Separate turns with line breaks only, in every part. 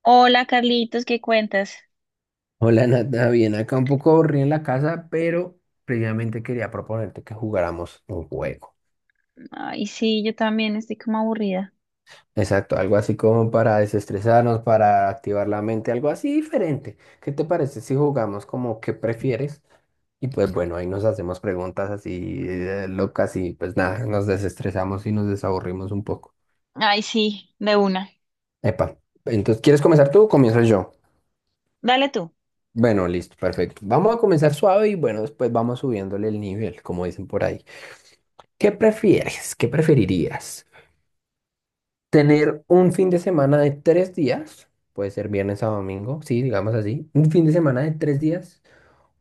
Hola Carlitos, ¿qué cuentas?
Hola Nata, bien, acá un poco aburrido en la casa, pero previamente quería proponerte que jugáramos un juego.
Ay, sí, yo también estoy como aburrida.
Exacto, algo así como para desestresarnos, para activar la mente, algo así diferente. ¿Qué te parece si jugamos como qué prefieres? Y pues bueno, ahí nos hacemos preguntas así locas y pues nada, nos desestresamos y nos desaburrimos un poco.
Ay, sí, de una.
Epa, entonces, ¿quieres comenzar tú o comienzo yo?
Dale tú.
Bueno, listo, perfecto. Vamos a comenzar suave y bueno, después vamos subiéndole el nivel, como dicen por ahí. ¿Qué prefieres? ¿Qué preferirías? ¿Tener un fin de semana de tres días? Puede ser viernes a domingo, sí, digamos así. Un fin de semana de tres días.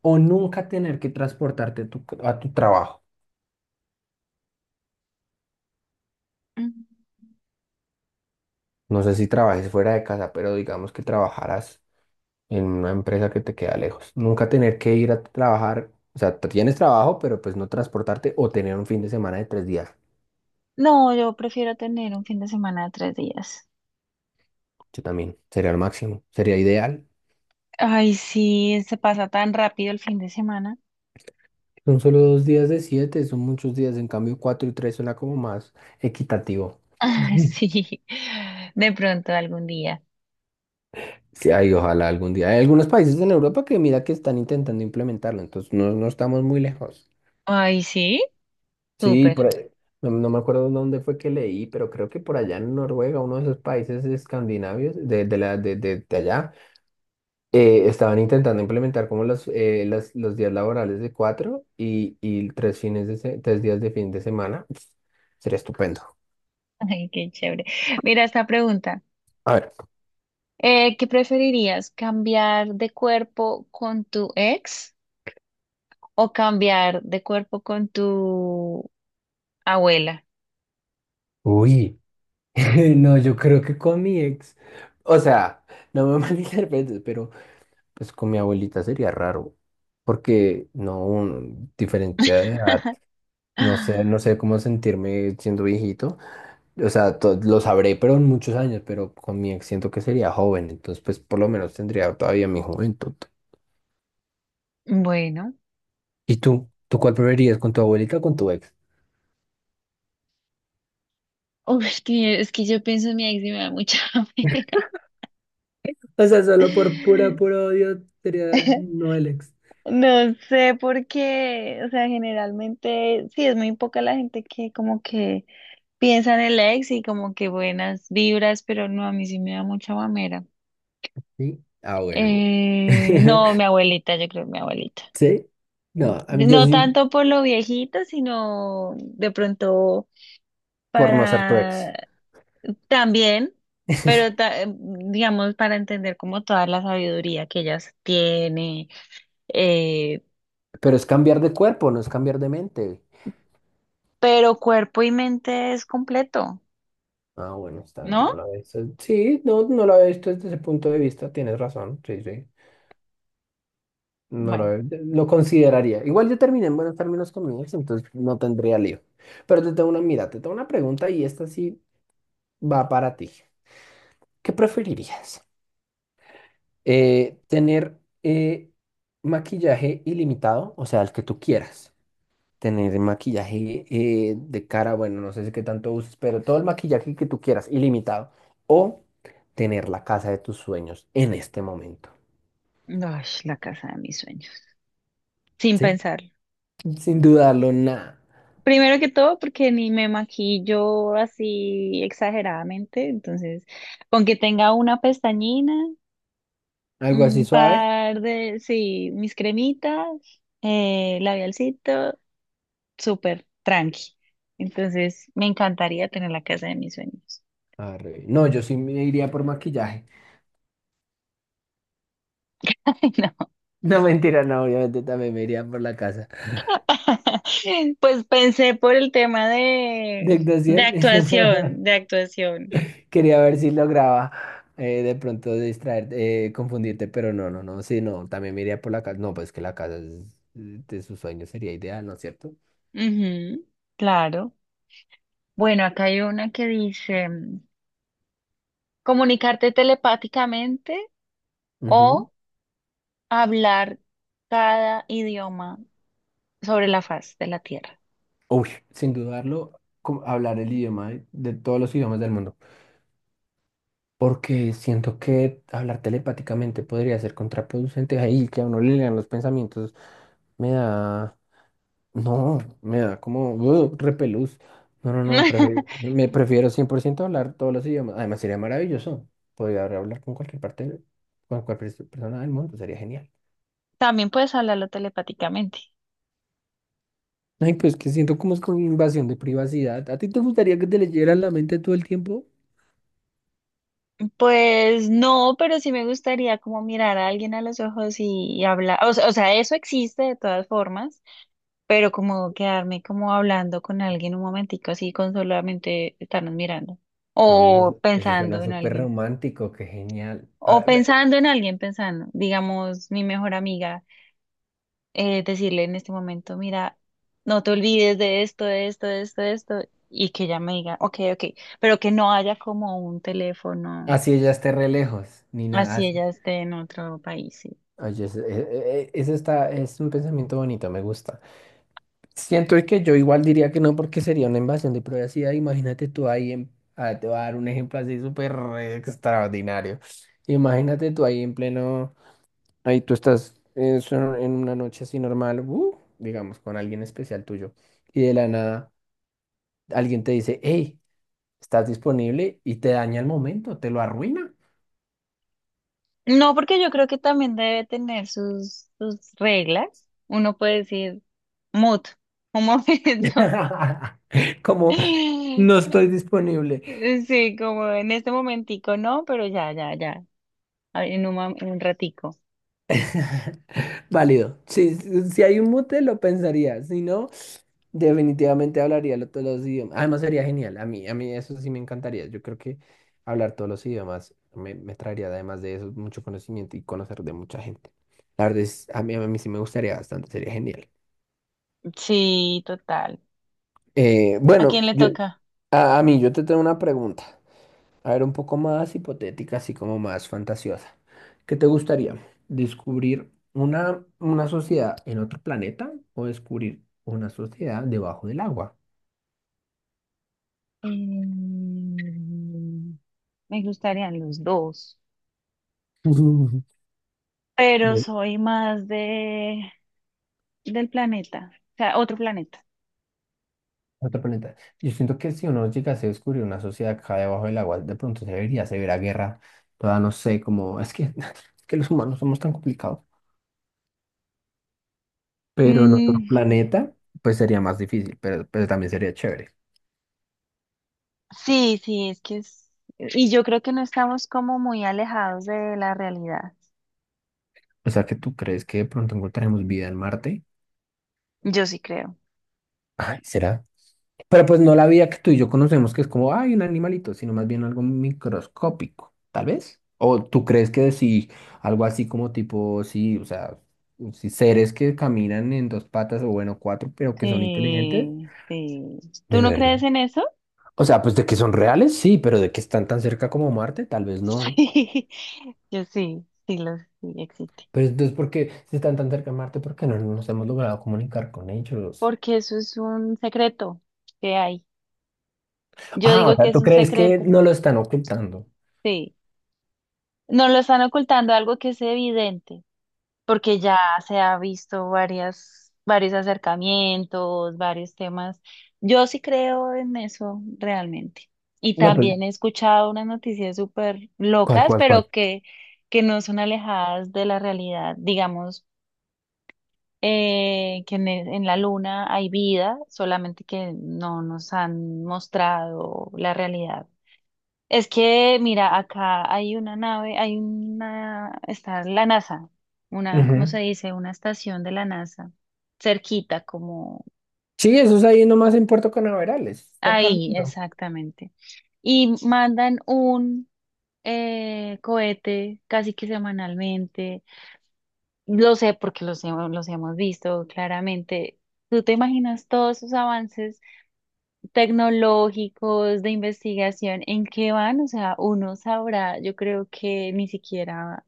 O nunca tener que transportarte a tu trabajo.
Mm.
No sé si trabajes fuera de casa, pero digamos que trabajaras en una empresa que te queda lejos. Nunca tener que ir a trabajar. O sea, tienes trabajo, pero pues no transportarte o tener un fin de semana de tres días.
No, yo prefiero tener un fin de semana de 3 días.
Yo también. Sería el máximo. Sería ideal.
Ay, sí, se pasa tan rápido el fin de semana.
Son solo dos días de siete, son muchos días. En cambio, cuatro y tres suena como más equitativo.
Ah,
Ujú.
sí, de pronto algún día.
Sí, ay, ojalá algún día. Hay algunos países en Europa que mira que están intentando implementarlo, entonces no estamos muy lejos.
Ay, sí,
Sí,
súper.
No, no me acuerdo dónde fue que leí, pero creo que por allá en Noruega, uno de esos países escandinavios, de, la, de allá, estaban intentando implementar como los días laborales de cuatro y tres tres días de fin de semana. Pf, sería estupendo.
Ay, qué chévere. Mira esta pregunta.
A ver.
¿Qué preferirías, cambiar de cuerpo con tu ex o cambiar de cuerpo con tu abuela?
Uy. No, yo creo que con mi ex, o sea, no me malinterpretes, pero pues con mi abuelita sería raro, porque no, un- diferencia de edad,
Ah,
no sé cómo sentirme siendo viejito, o sea, lo sabré, pero en muchos años, pero con mi ex siento que sería joven, entonces pues por lo menos tendría todavía mi juventud.
bueno.
¿Y tú? ¿Tú cuál preferirías, con tu abuelita o con tu ex?
Uf, es que yo pienso en mi ex y me da mucha pena.
O sea, solo por puro odio sería no el ex.
No sé por qué, o sea, generalmente sí es muy poca la gente que como que piensa en el ex y como que buenas vibras, pero no, a mí sí me da mucha mamera.
Sí. Ah, bueno.
Eh, no, mi abuelita, yo creo que mi abuelita.
¿Sí? No, a mí yo
No
sí,
tanto por lo viejito, sino de pronto
por no ser tu ex.
para. También, pero digamos para entender como toda la sabiduría que ellas tiene, eh,
Pero es cambiar de cuerpo, no es cambiar de mente.
pero cuerpo y mente es completo,
Ah, bueno, está bien, no
¿no?
lo había visto. Sí, no lo había visto desde ese punto de vista, tienes razón, sí. No lo,
Bueno,
había- Lo consideraría. Igual yo terminé en buenos términos con mi ex, entonces no tendría lío. Pero te tengo te tengo una pregunta y esta sí va para ti. ¿Qué preferirías? ¿Tener maquillaje ilimitado, o sea, el que tú quieras? Tener maquillaje de cara, bueno, no sé si qué tanto uses, pero todo el maquillaje que tú quieras, ilimitado, o tener la casa de tus sueños en este momento,
ay, la casa de mis sueños, sin
¿sí?
pensarlo.
Sin dudarlo, nada.
Primero que todo, porque ni me maquillo así exageradamente, entonces, con que tenga una pestañina,
Algo así
un
suave.
par de, sí, mis cremitas, labialcito. Súper tranqui. Entonces, me encantaría tener la casa de mis sueños.
Arre. No, yo sí me iría por maquillaje.
Ay, no.
No, mentira, no, obviamente también me iría por la casa.
Pues pensé por el tema
De
de
actuación,
actuación, de actuación.
quería ver si lograba de pronto distraer, confundirte, pero no, sí, no, también me iría por la casa. No, pues que de sus sueños sería ideal, ¿no es cierto?
Ujú, claro. Bueno, acá hay una que dice comunicarte telepáticamente
Ujú.
o hablar cada idioma sobre la faz de la Tierra.
Uy, sin dudarlo, como hablar el idioma de todos los idiomas del mundo, porque siento que hablar telepáticamente podría ser contraproducente ahí, que a uno le lean los pensamientos, me da, no, me da como repelús. No, no, no, prefe- Me prefiero 100% hablar todos los idiomas. Además, sería maravilloso. Podría hablar con con cualquier persona del mundo, sería genial.
También puedes hablarlo telepáticamente.
Ay, pues que siento como es con invasión de privacidad. ¿A ti te gustaría que te leyeran la mente todo el tiempo?
Pues no, pero sí me gustaría como mirar a alguien a los ojos y hablar, o sea, eso existe de todas formas, pero como quedarme como hablando con alguien un momentico así con solamente estarnos mirando
Uy,
o
eso
pensando
suena
en
súper
alguien.
romántico, qué genial.
O pensando en alguien, pensando, digamos, mi mejor amiga, decirle en este momento, mira, no te olvides de esto, de esto, de esto, de esto, y que ella me diga, ok, ok, pero que no haya como un teléfono.
Así ella esté re lejos, ni nada
Así
así.
ella esté en otro país, sí.
Oye, eso, e- e- e- eso es un pensamiento bonito, me gusta. Siento que yo igual diría que no, porque sería una invasión de privacidad. Imagínate tú ahí, te voy a dar un ejemplo así súper extraordinario. Imagínate tú ahí en pleno, ahí tú estás en una noche así normal, digamos, con alguien especial tuyo, y de la nada alguien te dice, hey, estás disponible y te daña el momento, te lo arruina.
No, porque yo creo que también debe tener sus reglas. Uno puede decir, mut, un momento.
Como no estoy disponible.
Sí, como en este momentico, no, pero ya, ya, ya. En un ratico.
Válido. Sí, si hay un mute, lo pensaría. Si no, definitivamente todos los idiomas. Además, sería genial. A mí eso sí me encantaría. Yo creo que hablar todos los idiomas me traería, además de eso, mucho conocimiento y conocer de mucha gente. La verdad es, a mí sí me gustaría bastante. Sería genial.
Sí, total.
Eh,
¿A
bueno,
quién le
yo,
toca?
a, yo te tengo una pregunta. A ver, un poco más hipotética, así como más fantasiosa. ¿Qué te gustaría? ¿Descubrir una sociedad en otro planeta o descubrir una sociedad debajo del agua?
Mm, me gustarían los dos, pero
Yo-
soy más de del planeta, o sea, otro planeta.
Otro planeta. Yo siento que si uno llegase a descubrir una sociedad acá debajo del agua, de pronto se vería severa guerra. Toda no sé, como es que, es que los humanos somos tan complicados. Pero en otro
Mm.
planeta, pues sería más difícil, pero también sería chévere.
Sí, sí, es que es. Y yo creo que no estamos como muy alejados de la realidad.
O sea, que tú crees que de pronto encontraremos vida en Marte.
Yo sí creo.
Ay, ¿será? Pero pues no la vida que tú y yo conocemos, que es como, ay, un animalito, sino más bien algo microscópico, tal vez. ¿O tú crees que sí, algo así como tipo, sí, o sea, sí, seres que caminan en dos patas o bueno, cuatro, pero que son inteligentes?
Sí, sí.
De
¿Tú no
verdad.
crees en eso?
O sea, pues de que son reales, sí, pero de que están tan cerca como Marte, tal vez no.
Sí, yo sí, sí, lo, sí existe.
Pero entonces, ¿por qué si están tan cerca de Marte? ¿Por qué no nos hemos logrado comunicar con ellos?
Porque eso es un secreto que hay. Yo
Ah, o
digo que
sea,
es
¿tú
un
crees que
secreto,
no lo están ocultando?
sí. No lo están ocultando algo que es evidente. Porque ya se ha visto varias, varios acercamientos, varios temas. Yo sí creo en eso realmente. Y
No, pues,
también he escuchado unas noticias súper
¿cuál,
locas,
cuál, cuál?
pero que no son alejadas de la realidad. Digamos, que en la luna hay vida, solamente que no nos han mostrado la realidad. Es que, mira, acá hay una nave, hay una, está la NASA, una, ¿cómo se
Ujú.
dice? Una estación de la NASA, cerquita, como
Sí, eso es ahí nomás en Puerto Canaveral, es cerca al
ahí,
mundo.
exactamente. Y mandan un cohete casi que semanalmente. Lo sé porque los hemos visto claramente. ¿Tú te imaginas todos esos avances tecnológicos de investigación en qué van? O sea, uno sabrá, yo creo que ni siquiera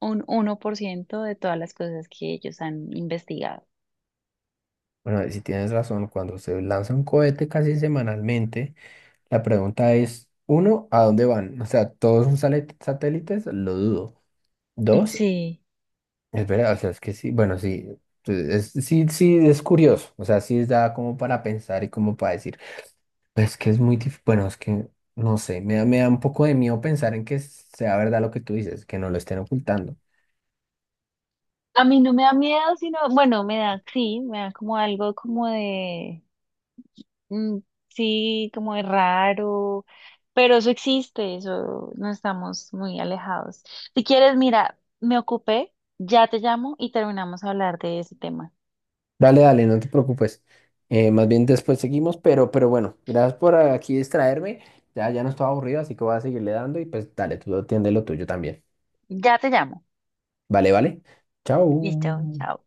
un 1% de todas las cosas que ellos han investigado.
Bueno, si tienes razón, cuando se lanza un cohete casi semanalmente, la pregunta es, uno, ¿a dónde van? O sea, ¿todos son satélites? Lo dudo. Dos,
Sí.
es verdad, o sea, es que sí, bueno, sí, pues, es, sí, sí, es curioso, o sea, sí da como para pensar y como para decir, pues que es muy difícil, bueno, es que, no sé, me da un poco de miedo pensar en que sea verdad lo que tú dices, que no lo estén ocultando.
A mí no me da miedo, sino, bueno, me da, sí, me da como algo como de, mm, sí, como de raro, pero eso existe, eso no estamos muy alejados. Si quieres, mira, me ocupé, ya te llamo y terminamos a hablar de ese tema.
Dale, no te preocupes. Más bien después seguimos, pero bueno, gracias por aquí distraerme. Ya no estaba aburrido, así que voy a seguirle dando y pues dale, tú atiende lo tuyo también.
Ya te llamo.
Vale.
Listo,
Chao.
chao.